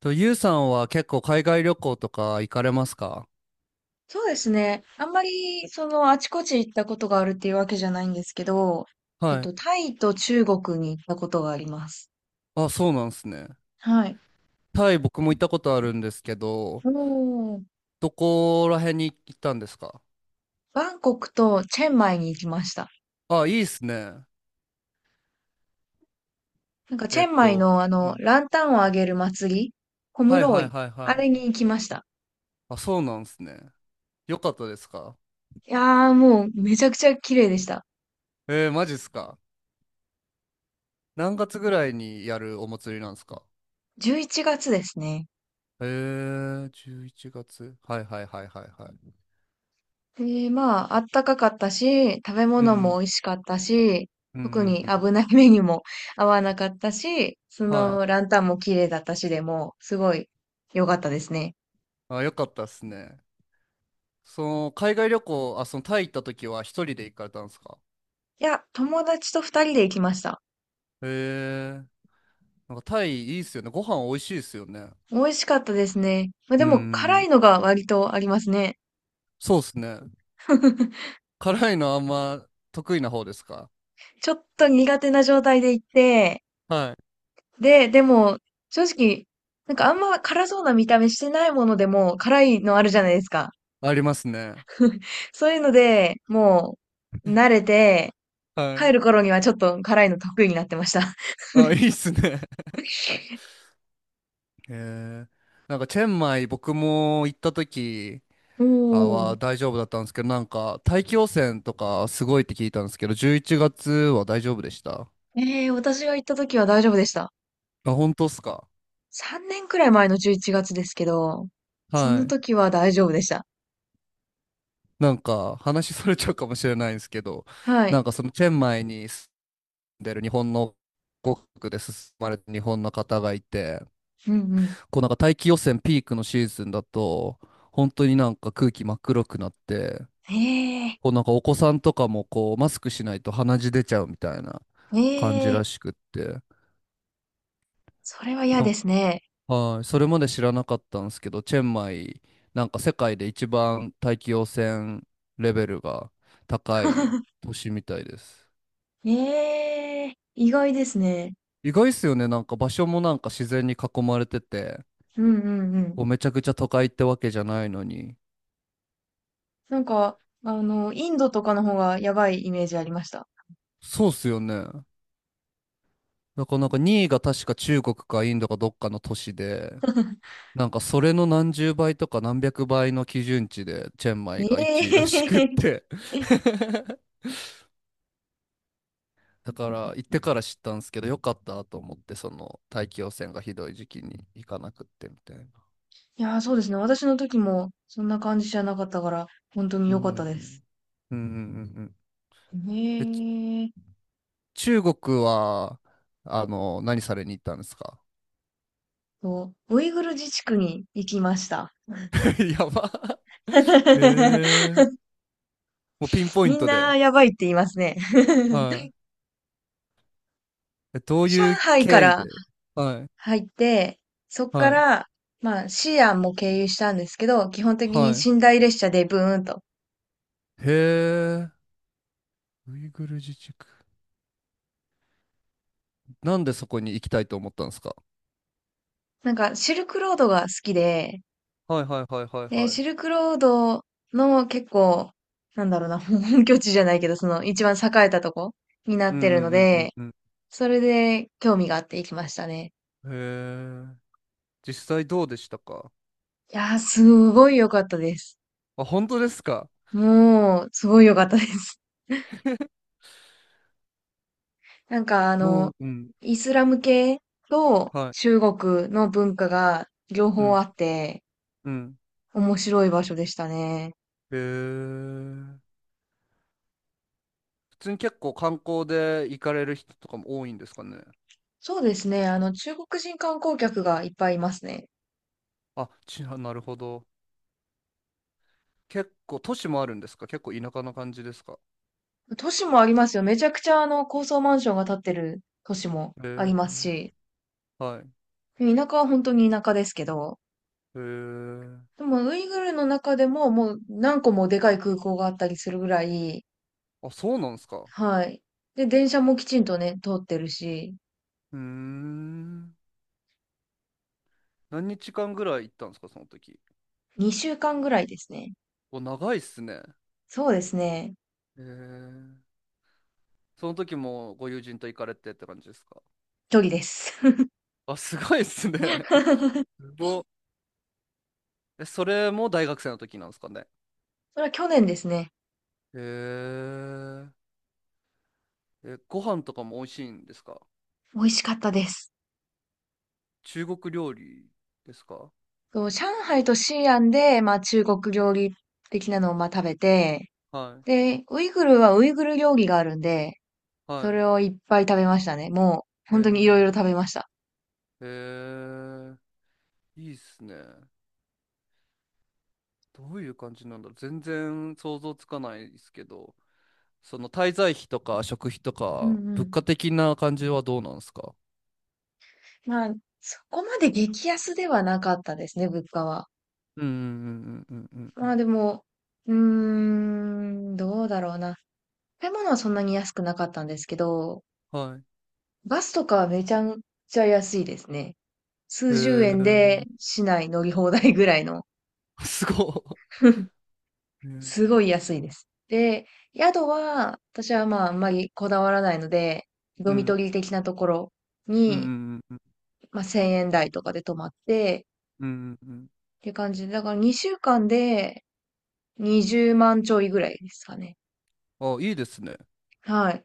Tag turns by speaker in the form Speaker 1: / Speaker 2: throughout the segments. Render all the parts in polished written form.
Speaker 1: と、ゆうさんは結構海外旅行とか行かれますか？
Speaker 2: そうですね。あんまり、その、あちこち行ったことがあるっていうわけじゃないんですけど、
Speaker 1: はい。
Speaker 2: タイと中国に行ったことがあります。
Speaker 1: あ、そうなんですね。
Speaker 2: はい。
Speaker 1: タイ僕も行ったことあるんですけど、
Speaker 2: おー、
Speaker 1: どこら辺に行ったんですか？
Speaker 2: バンコクとチェンマイに行きました。
Speaker 1: あ、いいっすね。
Speaker 2: なんか、チ
Speaker 1: え
Speaker 2: ェ
Speaker 1: っ
Speaker 2: ンマイ
Speaker 1: と、
Speaker 2: の、あ
Speaker 1: う
Speaker 2: の、
Speaker 1: ん。
Speaker 2: ランタンをあげる祭り、コム
Speaker 1: はい
Speaker 2: ロ
Speaker 1: はい
Speaker 2: イ、
Speaker 1: はい
Speaker 2: あ
Speaker 1: はい。
Speaker 2: れに行きました。
Speaker 1: あ、そうなんですね。よかったですか？
Speaker 2: いやー、もう、めちゃくちゃ綺麗でした。
Speaker 1: えー、マジっすか？何月ぐらいにやるお祭りなんですか？
Speaker 2: 11月ですね。
Speaker 1: えー、11月。はいはいはいはいはい。
Speaker 2: で、まあ、あったかかったし、食べ
Speaker 1: う
Speaker 2: 物も
Speaker 1: ん
Speaker 2: 美味しかったし、
Speaker 1: うんう
Speaker 2: 特
Speaker 1: ん
Speaker 2: に
Speaker 1: うんうん。
Speaker 2: 危ない目にも 合わなかったし、そ
Speaker 1: はい。
Speaker 2: のランタンも綺麗だったしでも、すごい良かったですね。
Speaker 1: あ、よかったっすね。その、海外旅行、あ、その、タイ行った時は一人で行かれたんですか？
Speaker 2: いや、友達と二人で行きました。
Speaker 1: へえ。なんかタイいいっすよね。ご飯美味しいっすよね。
Speaker 2: 美味しかったですね。まあ、で
Speaker 1: う
Speaker 2: も、辛い
Speaker 1: ん。
Speaker 2: のが割とありますね。
Speaker 1: そうっすね。辛いのあんま得意な方ですか？
Speaker 2: ちょっと苦手な状態で行って、
Speaker 1: はい。
Speaker 2: でも、正直、なんかあんま辛そうな見た目してないものでも辛いのあるじゃないですか。
Speaker 1: ありますね。
Speaker 2: そういうので、もう、慣れて、
Speaker 1: は
Speaker 2: 帰
Speaker 1: い。
Speaker 2: る頃にはちょっと辛いの得意になってました。
Speaker 1: あ、いいっすね。へえ。なんか、チェンマイ僕も行った時
Speaker 2: うー
Speaker 1: は
Speaker 2: ん。
Speaker 1: 大丈夫だったんですけど、なんか、大気汚染とかすごいって聞いたんですけど、11月は大丈夫でした？
Speaker 2: ええ、私が行った時は大丈夫でした。
Speaker 1: あ、本当っすか？
Speaker 2: 3年くらい前の11月ですけど、そ
Speaker 1: は
Speaker 2: の
Speaker 1: い。
Speaker 2: 時は大丈夫でした。
Speaker 1: なんか話それちゃうかもしれないんですけど、
Speaker 2: は
Speaker 1: な
Speaker 2: い。
Speaker 1: んかそのチェンマイに住んでる日本の国で進まれた日本の方がいて、
Speaker 2: うんうん。
Speaker 1: こうなんか大気汚染ピークのシーズンだと、本当になんか空気真っ黒くなって、
Speaker 2: ええ、
Speaker 1: こうなんかお子さんとかもこうマスクしないと鼻血出ちゃうみたいな感じ
Speaker 2: ええ、
Speaker 1: らしくって、
Speaker 2: それは嫌
Speaker 1: なん
Speaker 2: で
Speaker 1: か、
Speaker 2: すね。
Speaker 1: はい、それまで知らなかったんですけど、チェンマイ、なんか世界で一番大気汚染レベルが高い都市みたいです。
Speaker 2: ええ、意外ですね。
Speaker 1: 意外っすよね。なんか場所もなんか自然に囲まれてて、
Speaker 2: うんうんうん。
Speaker 1: こうめちゃくちゃ都会ってわけじゃないのに。
Speaker 2: なんか、あの、インドとかの方がやばいイメージありました。
Speaker 1: そうっすよね。だからなんか2位が確か中国かインドかどっかの都市で、なんかそれの何十倍とか何百倍の基準値でチェンマ
Speaker 2: え
Speaker 1: イが1位らしくっ
Speaker 2: え、
Speaker 1: て。だから行ってから知ったんですけど、よかったと思って、その大気汚染がひどい時期に行かなくってみたいな。
Speaker 2: いやー、そうですね。私の時もそんな感じじゃなかったから、本当に
Speaker 1: う
Speaker 2: 良かったです。
Speaker 1: んうんうん。うんうんうんうん。
Speaker 2: へ
Speaker 1: えち
Speaker 2: え。
Speaker 1: 中国は、何されに行ったんですか？
Speaker 2: そう、ウイグル自治区に行きました。
Speaker 1: やば。へ え。もうピンポイン
Speaker 2: みん
Speaker 1: トで。
Speaker 2: なやばいって言いますね。
Speaker 1: は い。え、どう
Speaker 2: 上
Speaker 1: いう
Speaker 2: 海か
Speaker 1: 経緯
Speaker 2: ら
Speaker 1: で？はい。
Speaker 2: 入って、そっか
Speaker 1: はい。
Speaker 2: ら、まあ、西安も経由したんですけど、基本的に
Speaker 1: はい。
Speaker 2: 寝台列車でブーンと。
Speaker 1: へえ。ウイグル自治区。なんでそこに行きたいと思ったんですか？
Speaker 2: なんか、シルクロードが好きで、
Speaker 1: はいはいはいはいはい。
Speaker 2: シルクロードの結構、なんだろうな、本拠地じゃないけど、その一番栄えたとこにな
Speaker 1: う
Speaker 2: っ
Speaker 1: ん
Speaker 2: てるの
Speaker 1: うんうん
Speaker 2: で、
Speaker 1: うん
Speaker 2: それで興味があって行きましたね。
Speaker 1: うん。へえ。実際どうでしたか？
Speaker 2: いやー、すごい良かったです。
Speaker 1: あ、本当ですか？
Speaker 2: もう、すごい良かったです。なんかあの、
Speaker 1: うん。
Speaker 2: イスラム系と
Speaker 1: はい。
Speaker 2: 中国の文化が両
Speaker 1: う
Speaker 2: 方あ
Speaker 1: ん。
Speaker 2: って、
Speaker 1: うん。
Speaker 2: 面白い場所でしたね。
Speaker 1: へえ。普通に結構観光で行かれる人とかも多いんですかね。
Speaker 2: そうですね。あの、中国人観光客がいっぱいいますね。
Speaker 1: あ、なるほど。結構都市もあるんですか？結構田舎な感じですか？
Speaker 2: 都市もありますよ。めちゃくちゃあの高層マンションが建ってる都市も
Speaker 1: へ
Speaker 2: あり
Speaker 1: え、
Speaker 2: ますし、
Speaker 1: はい。
Speaker 2: 田舎は本当に田舎ですけど、
Speaker 1: へえ。
Speaker 2: でもウイグルの中でももう何個もでかい空港があったりするぐらい、
Speaker 1: あ、そうなんですか。
Speaker 2: はい。で、電車もきちんとね、通ってるし、
Speaker 1: うーん。何日間ぐらい行ったんですか、その時。
Speaker 2: 2週間ぐらいですね。
Speaker 1: お、長いっすね。
Speaker 2: そうですね。
Speaker 1: へえ。その時もご友人と行かれてって感じですか？
Speaker 2: 距離です。
Speaker 1: あ、すごいっすね。すごっ。え、それも大学生の時なんですかね。
Speaker 2: それは去年ですね。
Speaker 1: へえ。え、ご飯とかも美味しいんですか？
Speaker 2: 美味しかったです。
Speaker 1: 中国料理ですか？
Speaker 2: そう、上海と西安で、まあ中国料理的なのをまあ食べて、
Speaker 1: はい。
Speaker 2: で、ウイグルはウイグル料理があるんで、そ
Speaker 1: はい。
Speaker 2: れをいっぱい食べましたね。もう、
Speaker 1: え
Speaker 2: 本当にいろい
Speaker 1: ー、
Speaker 2: ろ食べました。
Speaker 1: えー、いいっすね。どういう感じなんだろう。全然想像つかないですけど、その滞在費とか食費と
Speaker 2: うん
Speaker 1: か、
Speaker 2: う
Speaker 1: 物
Speaker 2: ん。
Speaker 1: 価的な感じはどうなんですか？
Speaker 2: まあ、そこまで激安ではなかったですね、物価は。
Speaker 1: うんうんうんうんうんう
Speaker 2: まあ
Speaker 1: ん。
Speaker 2: でも、うーん、どうだろうな。食べ物はそんなに安くなかったんですけど、
Speaker 1: はい。
Speaker 2: バスとかはめちゃくちゃ安いですね。
Speaker 1: へえ
Speaker 2: 数十円で
Speaker 1: ー。
Speaker 2: 市内乗り放題ぐらいの。
Speaker 1: すご い。ね。
Speaker 2: すごい安いです。で、宿は、私はまああんまりこだわらないので、
Speaker 1: う
Speaker 2: ドミト
Speaker 1: ん
Speaker 2: リー的なところ
Speaker 1: うん
Speaker 2: に
Speaker 1: うんうん
Speaker 2: まあ、1000円台とかで泊まって、
Speaker 1: うんうん。うん。
Speaker 2: っていう感じで、だから2週間で20万ちょいぐらいですかね。
Speaker 1: あ、いいですね。
Speaker 2: はい。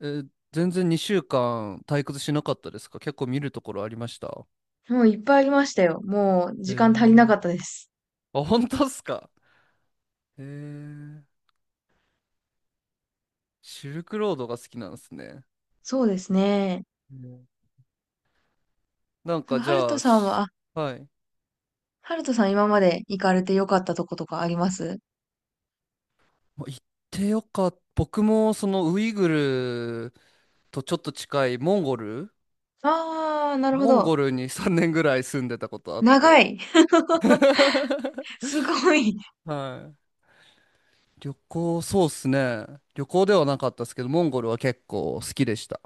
Speaker 1: えー全然2週間退屈しなかったですか？結構見るところありました？
Speaker 2: もういっぱいありましたよ。もう
Speaker 1: へえ
Speaker 2: 時間足りなかった
Speaker 1: ー。
Speaker 2: です。
Speaker 1: あ、本当っすか？へえ。シルクロードが好きなんですね。
Speaker 2: そうですね。
Speaker 1: うん。なん
Speaker 2: なん
Speaker 1: か
Speaker 2: か、
Speaker 1: じ
Speaker 2: ハル
Speaker 1: ゃ
Speaker 2: ト
Speaker 1: あ、
Speaker 2: さんは、
Speaker 1: し
Speaker 2: あ、
Speaker 1: はい。
Speaker 2: ハルトさん今まで行かれてよかったとことかあります？
Speaker 1: まあ行ってよかった。僕もそのウイグルとちょっと近いモンゴル
Speaker 2: あー、なるほ
Speaker 1: モン
Speaker 2: ど。
Speaker 1: ゴルに3年ぐらい住んでたことあっ
Speaker 2: 長
Speaker 1: て。
Speaker 2: い。すごい。
Speaker 1: はい。旅行、そうっすね。旅行ではなかったですけど、モンゴルは結構好きでした。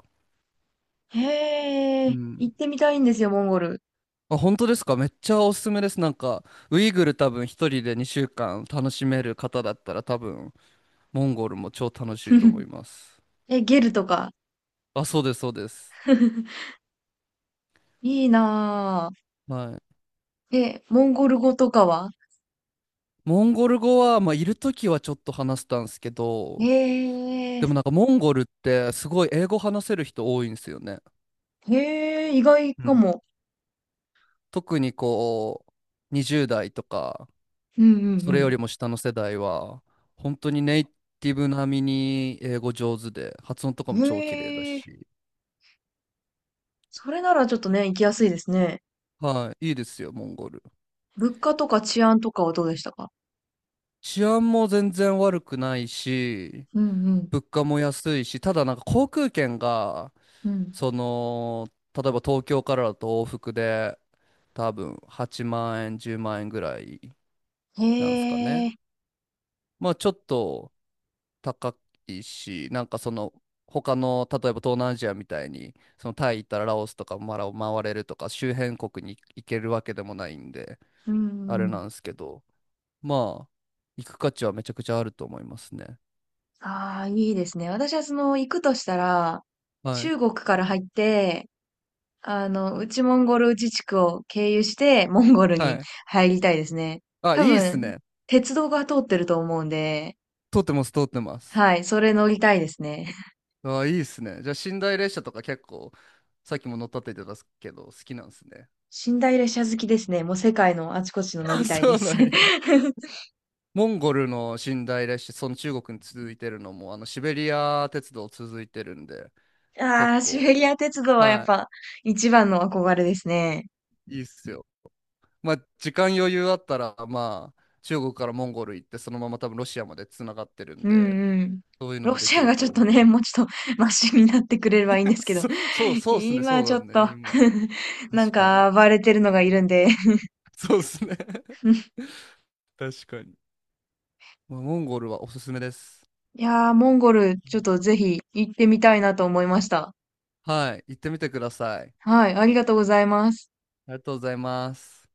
Speaker 2: へ
Speaker 1: う
Speaker 2: ー。行
Speaker 1: ん。
Speaker 2: ってみたいんですよ、モンゴル。
Speaker 1: あ、本当ですか？めっちゃおすすめです。なんか、ウイグル多分一人で2週間楽しめる方だったら多分モンゴルも超楽しいと思い ます。
Speaker 2: え、ゲルとか。
Speaker 1: あ、そうです、そうです。
Speaker 2: いいな
Speaker 1: はい。
Speaker 2: ぁ。え、モンゴル語とかは？
Speaker 1: モンゴル語は、まあ、いるときはちょっと話したんですけど、
Speaker 2: ええ、
Speaker 1: でもなんかモンゴルってすごい英語話せる人多いんですよね。
Speaker 2: へえ、意外
Speaker 1: う
Speaker 2: か
Speaker 1: ん。
Speaker 2: も。
Speaker 1: 特にこう、20代とか、
Speaker 2: うんう
Speaker 1: それよ
Speaker 2: ん
Speaker 1: りも下の世代は、本当にネイティブ並みに英語上手で、発音とかも
Speaker 2: うん。
Speaker 1: 超綺麗だ
Speaker 2: へえ、
Speaker 1: し、
Speaker 2: それならちょっとね、行きやすいですね。
Speaker 1: はい、いいですよ、モンゴル。
Speaker 2: 物価とか治安とかはどうでしたか？
Speaker 1: 治安も全然悪くないし、
Speaker 2: うんうん。
Speaker 1: 物価も安いし、ただなんか航空券が、
Speaker 2: うん、
Speaker 1: その、例えば東京からだと往復で多分8万円、10万円ぐらいなんですか
Speaker 2: へ
Speaker 1: ね。
Speaker 2: え、
Speaker 1: まあちょっと高いし、なんかその他の、例えば東南アジアみたいに、そのタイ行ったらラオスとかマラを回れるとか、周辺国に行けるわけでもないんで、
Speaker 2: うん
Speaker 1: あ
Speaker 2: う
Speaker 1: れ
Speaker 2: ん。
Speaker 1: なんですけど、まあ行く価値はめちゃくちゃあると思いますね。
Speaker 2: ああ、いいですね。私はその、行くとしたら、
Speaker 1: はい。
Speaker 2: 中国から入って、あの、内モンゴル自治区を経由して、モンゴル
Speaker 1: は
Speaker 2: に
Speaker 1: い。
Speaker 2: 入りたいですね。
Speaker 1: あ、い
Speaker 2: 多
Speaker 1: いっす
Speaker 2: 分、
Speaker 1: ね。
Speaker 2: 鉄道が通ってると思うんで、
Speaker 1: 通ってます、通ってます。
Speaker 2: はい、それ乗りたいですね。
Speaker 1: ああ、いいっすね。じゃあ、寝台列車とか結構、さっきも乗ったって言ってたけど、好きなんですね。
Speaker 2: 寝台列車好きですね。もう世界のあちこちの乗 りたい
Speaker 1: そ
Speaker 2: で
Speaker 1: うな
Speaker 2: す。
Speaker 1: んや。モンゴルの寝台列車、その中国に続いてるのも、あの、シベリア鉄道続いてるんで、
Speaker 2: あ
Speaker 1: 結
Speaker 2: あ、シベ
Speaker 1: 構、
Speaker 2: リア鉄道はやっ
Speaker 1: は
Speaker 2: ぱ一番の憧れですね。
Speaker 1: い、いいっすよ。まあ、時間余裕あったら、まあ、中国からモンゴル行って、そのまま多分ロシアまでつながってるん
Speaker 2: うん
Speaker 1: で、
Speaker 2: うん。
Speaker 1: そういうの
Speaker 2: ロ
Speaker 1: もで
Speaker 2: シ
Speaker 1: き
Speaker 2: ア
Speaker 1: る
Speaker 2: がち
Speaker 1: と
Speaker 2: ょっと
Speaker 1: 思
Speaker 2: ね、も
Speaker 1: う。
Speaker 2: うちょっとマシになってくれればいいんです けど、
Speaker 1: そう、そうっすね、そ
Speaker 2: 今
Speaker 1: う
Speaker 2: ち
Speaker 1: だ
Speaker 2: ょっと
Speaker 1: ね、今。
Speaker 2: なん
Speaker 1: 確かに。
Speaker 2: か暴れてるのがいるんで。
Speaker 1: そうっすね。確かに。まあ、モンゴルはおすすめです。
Speaker 2: いやー、モンゴルちょっとぜひ行ってみたいなと思いました。
Speaker 1: はい、行ってみてください。
Speaker 2: はい、ありがとうございます。
Speaker 1: ありがとうございます。